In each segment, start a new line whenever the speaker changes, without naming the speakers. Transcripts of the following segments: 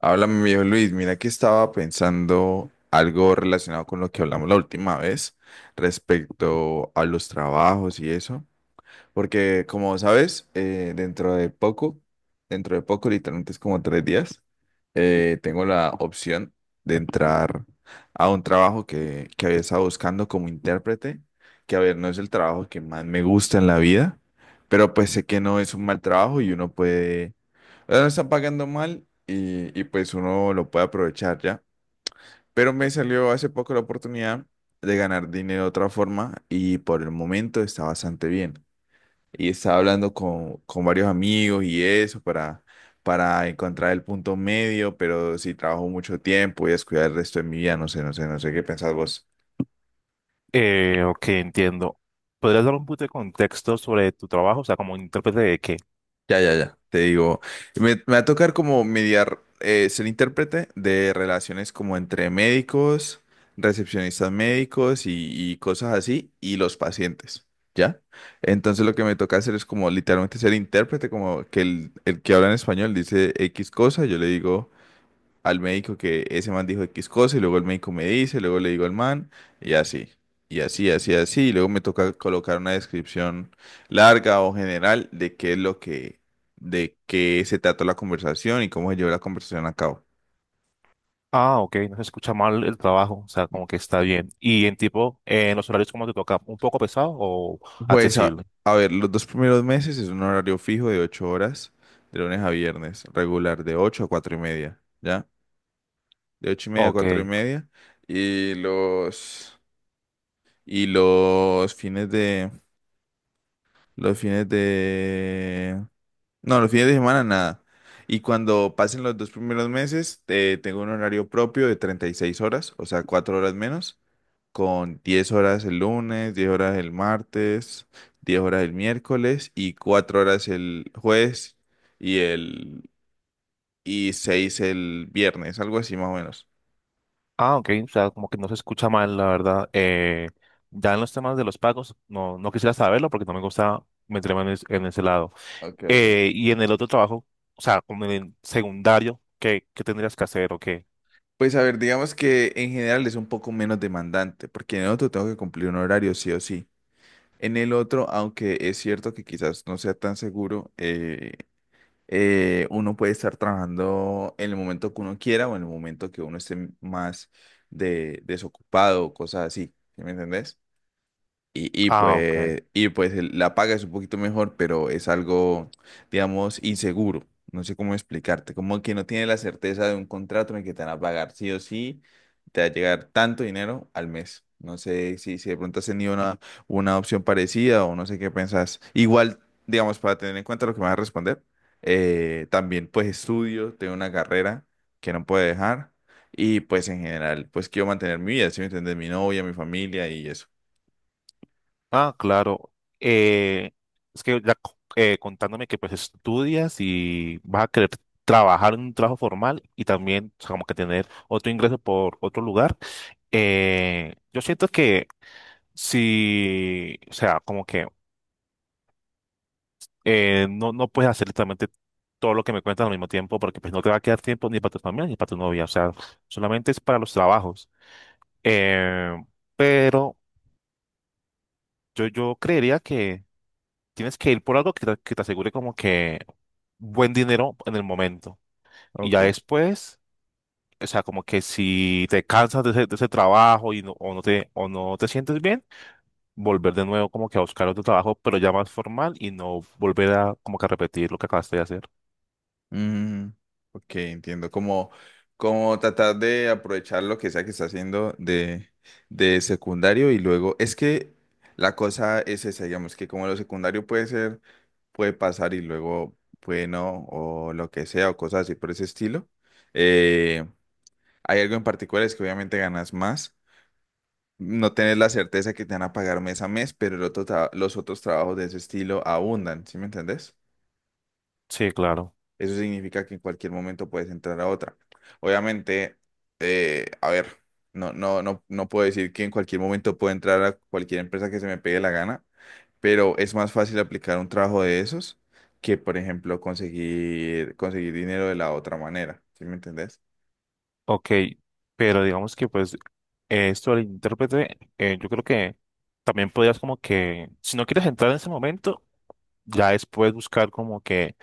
Háblame, mi viejo Luis. Mira que estaba pensando algo relacionado con lo que hablamos la última vez respecto a los trabajos y eso. Porque, como sabes, dentro de poco, literalmente es como 3 días. Tengo la opción de entrar a un trabajo que había estado buscando como intérprete, que a ver, no es el trabajo que más me gusta en la vida, pero pues sé que no es un mal trabajo y uno puede, ya no están pagando mal, y pues uno lo puede aprovechar ya. Pero me salió hace poco la oportunidad de ganar dinero de otra forma y por el momento está bastante bien. Y estaba hablando con varios amigos y eso para encontrar el punto medio, pero si trabajo mucho tiempo voy a descuidar el resto de mi vida. No sé qué pensás vos.
Ok, entiendo. ¿Podrías dar un poquito de contexto sobre tu trabajo? O sea, como intérprete de qué.
Ya, ya, ya, te digo. Me va a tocar como mediar, ser intérprete de relaciones como entre médicos, recepcionistas médicos y cosas así, y los pacientes, ¿ya? Entonces lo que me toca hacer es como literalmente ser intérprete, como que el que habla en español dice X cosa, yo le digo al médico que ese man dijo X cosa y luego el médico me dice, luego le digo al man y así, y luego me toca colocar una descripción larga o general de qué es lo que, de qué se trató la conversación y cómo se llevó la conversación a cabo.
Ah, ok, no se escucha mal el trabajo, o sea, como que está bien. Y en tipo, en los horarios, ¿cómo te toca? ¿Un poco pesado o
Pues a,
accesible?
a ver, los dos primeros meses es un horario fijo de 8 horas, de lunes a viernes, regular, de 8:00 a 4:30, ¿ya? De ocho y media a
Ok.
cuatro y media. Y los, y los fines de, Los fines de... No, los fines de semana nada. Y cuando pasen los dos primeros meses, tengo un horario propio de 36 horas, o sea, 4 horas menos, con 10 horas el lunes, 10 horas el martes, 10 horas el miércoles y 4 horas el jueves y el... y 6 el viernes, algo así más o menos.
Ah, ok, o sea, como que no se escucha mal, la verdad. Ya en los temas de los pagos, no quisiera saberlo porque no me gusta meterme en ese lado.
Okay, okay.
Y en el otro trabajo, o sea, como en el secundario, ¿qué tendrías que hacer o qué?
Pues a ver, digamos que en general es un poco menos demandante, porque en otro tengo que cumplir un horario sí o sí. En el otro, aunque es cierto que quizás no sea tan seguro, uno puede estar trabajando en el momento que uno quiera o en el momento que uno esté más desocupado o cosas así. ¿Sí me entendés? Y, y
Ah, ok.
pues, y pues la paga es un poquito mejor, pero es algo, digamos, inseguro. No sé cómo explicarte. Como que no tiene la certeza de un contrato en el que te van a pagar sí o sí, te va a llegar tanto dinero al mes. No sé si de pronto has tenido una opción parecida o no sé qué pensás. Igual, digamos, para tener en cuenta lo que me vas a responder, también pues estudio, tengo una carrera que no puedo dejar y pues en general, pues quiero mantener mi vida, ¿si me entiendes? Mi novia, mi familia y eso.
Ah, claro. Eh, es que ya contándome que pues estudias y vas a querer trabajar en un trabajo formal y también o sea, como que tener otro ingreso por otro lugar. Yo siento que si, o sea, como que no puedes hacer literalmente todo lo que me cuentas al mismo tiempo porque pues no te va a quedar tiempo ni para tu familia ni para tu novia. O sea, solamente es para los trabajos. Eh, pero yo creería que tienes que ir por algo que te asegure como que buen dinero en el momento. Y ya
Ok.
después, o sea, como que si te cansas de ese trabajo y no, o no te sientes bien, volver de nuevo como que a buscar otro trabajo, pero ya más formal y no volver a como que a repetir lo que acabaste de hacer.
Mm, ok, entiendo. Como tratar de aprovechar lo que sea que está haciendo de secundario y luego. Es que la cosa es esa, digamos, que como lo secundario puede ser, puede pasar y luego, bueno, o lo que sea, o cosas así por ese estilo. eh, Hay algo en particular, es que obviamente ganas más. No tenés la certeza que te van a pagar mes a mes, pero los otros trabajos de ese estilo abundan, ¿sí me entendés?
Sí, claro.
Eso significa que en cualquier momento puedes entrar a otra. Obviamente, a ver, no puedo decir que en cualquier momento puedo entrar a cualquier empresa que se me pegue la gana, pero es más fácil aplicar un trabajo de esos que, por ejemplo, conseguir dinero de la otra manera. ¿Sí me entendés?
Ok, pero digamos que pues esto del intérprete, yo creo que también podrías como que, si no quieres entrar en ese momento, ya después buscar como que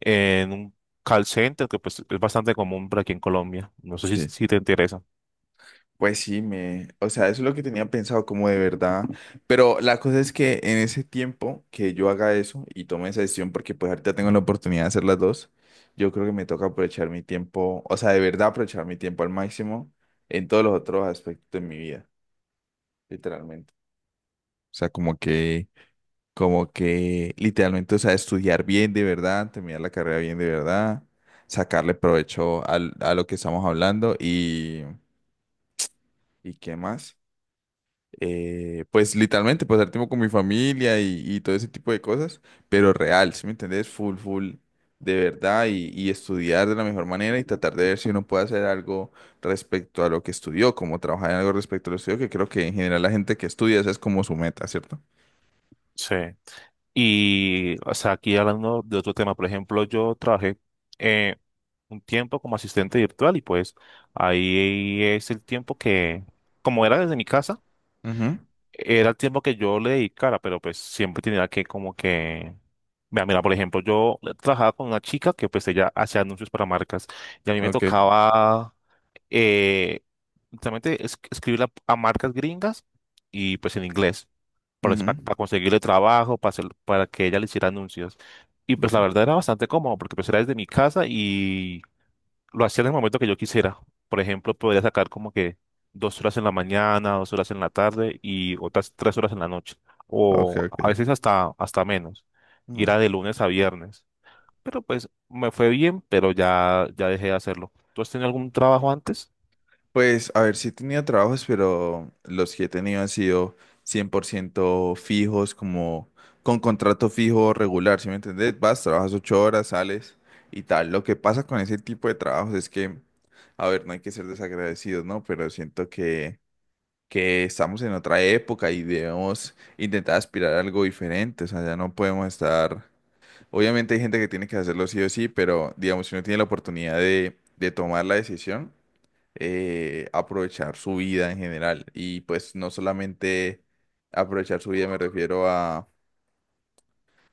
en un call center que pues es bastante común por aquí en Colombia. No sé si,
Sí.
si te interesa.
Pues sí, o sea, eso es lo que tenía pensado como de verdad, pero la cosa es que en ese tiempo que yo haga eso y tome esa decisión, porque pues ahorita tengo la oportunidad de hacer las dos, yo creo que me toca aprovechar mi tiempo, o sea, de verdad aprovechar mi tiempo al máximo en todos los otros aspectos de mi vida, literalmente. O sea, como que literalmente, o sea, estudiar bien de verdad, terminar la carrera bien de verdad, sacarle provecho a lo que estamos hablando ¿y qué más? Pues literalmente pasar tiempo con mi familia y todo ese tipo de cosas, pero real, ¿sí me entendés? Full, full, de verdad, y estudiar de la mejor manera y tratar de ver si uno puede hacer algo respecto a lo que estudió, como trabajar en algo respecto a lo que estudió, que creo que en general la gente que estudia esa es como su meta, ¿cierto?
Sí. Y, o sea, aquí hablando de otro tema, por ejemplo, yo trabajé eh, un tiempo como asistente virtual y pues ahí es el tiempo que, como era desde mi casa,
Ujú.
era el tiempo que yo le dedicara, pero pues siempre tenía que como que. Mira, mira, por ejemplo, yo trabajaba con una chica que pues ella hacía anuncios para marcas y a mí me
Ok.
tocaba eh, literalmente escribirle a marcas gringas y pues en inglés, para,
Ujú,
para conseguirle trabajo, para que ella le hiciera anuncios. Y pues la
ujú.
verdad era bastante cómodo porque pues era desde mi casa y lo hacía en el momento que yo quisiera. Por ejemplo, podría sacar como que 2 horas en la mañana, 2 horas en la tarde y otras 3 horas en la noche.
Ok,
O a
ok.
veces hasta menos. Y
Ujú.
era de lunes a viernes. Pero pues me fue bien, pero ya dejé de hacerlo. ¿Tú has tenido algún trabajo antes?
Pues, a ver, sí he tenido trabajos, pero los que he tenido han sido 100% fijos, como con contrato fijo regular, ¿sí me entendés? Vas, trabajas 8 horas, sales y tal. Lo que pasa con ese tipo de trabajos es que, a ver, no hay que ser desagradecidos, ¿no? Pero siento que estamos en otra época y debemos intentar aspirar a algo diferente, o sea, ya no podemos estar... Obviamente hay gente que tiene que hacerlo sí o sí, pero digamos, si uno tiene la oportunidad de tomar la decisión, aprovechar su vida en general. Y pues no solamente aprovechar su vida, me refiero a,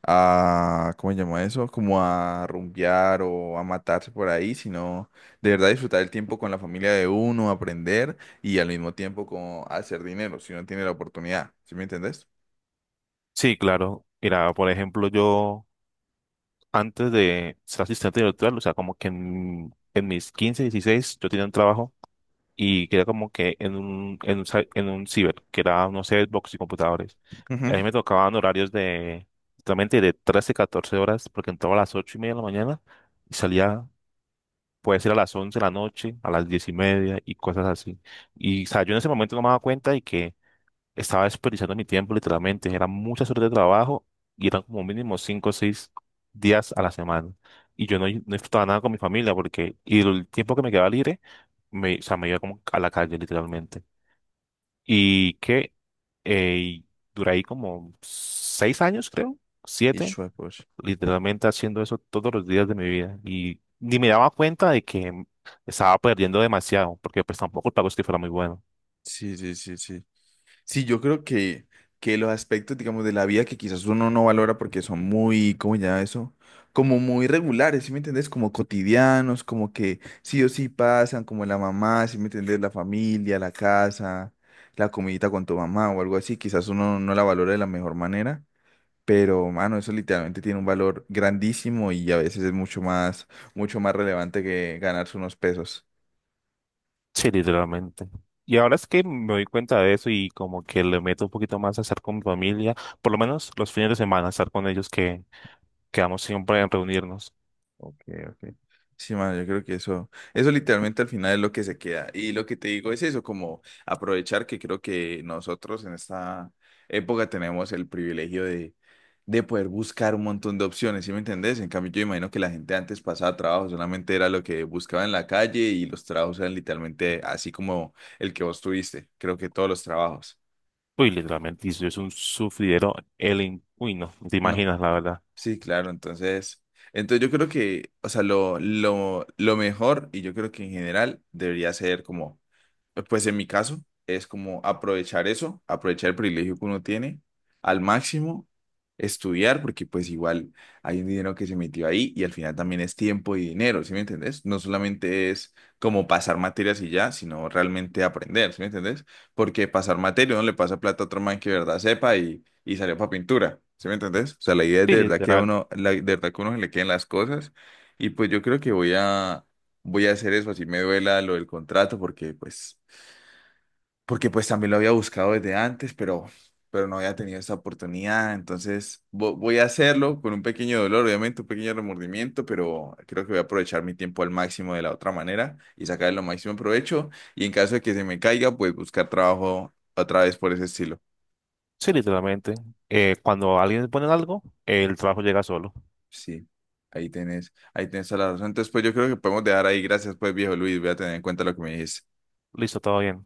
a ¿cómo se llama eso? Como a rumbear o a matarse por ahí, sino de verdad disfrutar el tiempo con la familia de uno, aprender y al mismo tiempo como hacer dinero si uno tiene la oportunidad. ¿Sí me entendés?
Sí, claro. Mira, por ejemplo, yo antes de ser asistente virtual, o sea, como que en mis 15, 16, yo tenía un trabajo y que era como que en un ciber, que era, no sé, Xbox y computadores.
Ujú.
A mí me tocaban horarios de, totalmente de 13, 14 horas, porque entraba a las 8:30 de la mañana y salía, puede ser a las 11 de la noche, a las 10:30 y cosas así. Y, o sea, yo en ese momento no me daba cuenta y que estaba desperdiciando mi tiempo literalmente. Eran muchas horas de trabajo y eran como mínimo 5 o 6 días a la semana. Y yo no disfrutaba nada con mi familia porque y el tiempo que me quedaba libre, me, o sea, me iba como a la calle literalmente. Y que y duré ahí como 6 años, creo, 7,
Pues.
literalmente haciendo eso todos los días de mi vida. Y ni me daba cuenta de que estaba perdiendo demasiado porque pues tampoco el pago es que fuera muy bueno.
Sí, sí, sí, sí. Sí, yo creo que los aspectos, digamos, de la vida que quizás uno no valora porque son muy, ¿cómo ya eso? Como muy regulares, ¿sí me entendés? Como cotidianos, como que sí o sí pasan, como la mamá, ¿sí me entendés? La familia, la casa, la comidita con tu mamá o algo así, quizás uno no la valora de la mejor manera, pero, mano, eso literalmente tiene un valor grandísimo y a veces es mucho más relevante que ganarse unos pesos.
Sí, literalmente. Y ahora es que me doy cuenta de eso y como que le meto un poquito más a estar con mi familia, por lo menos los fines de semana, estar con ellos que quedamos siempre en reunirnos.
Ok, ok. Sí, man, yo creo que eso literalmente al final es lo que se queda. Y lo que te digo es eso, como aprovechar que creo que nosotros en esta época tenemos el privilegio de poder buscar un montón de opciones, ¿sí me entendés? En cambio, yo imagino que la gente antes pasaba trabajo, solamente era lo que buscaba en la calle y los trabajos eran literalmente así como el que vos tuviste, creo que todos los trabajos.
Uy, literalmente, y eso es un sufridero, el... in- Uy, no te
No.
imaginas, la verdad.
Sí, claro, entonces yo creo que, o sea, lo mejor, y yo creo que en general debería ser como, pues en mi caso, es como aprovechar eso, aprovechar el privilegio que uno tiene al máximo, estudiar, porque pues igual hay un dinero que se metió ahí y al final también es tiempo y dinero, ¿sí me entendés? No solamente es como pasar materias y ya, sino realmente aprender, ¿sí me entendés? Porque pasar materia, uno le pasa plata a otro man que de verdad sepa y salió para pintura, ¿sí me entendés? O sea, la idea es
Sí,
de verdad que a
literal.
uno, la, de verdad que a uno se le queden las cosas y pues yo creo que voy a hacer eso, así me duela lo del contrato, porque pues también lo había buscado desde antes, pero no había tenido esa oportunidad. Entonces voy a hacerlo con un pequeño dolor, obviamente, un pequeño remordimiento, pero creo que voy a aprovechar mi tiempo al máximo de la otra manera y sacar lo máximo provecho. Y en caso de que se me caiga, pues buscar trabajo otra vez por ese estilo.
Sí, literalmente. Cuando alguien pone algo, el trabajo llega solo.
Sí. Ahí tenés toda la razón. Entonces, pues yo creo que podemos dejar ahí. Gracias, pues, viejo Luis. Voy a tener en cuenta lo que me dijiste.
Listo, todo bien.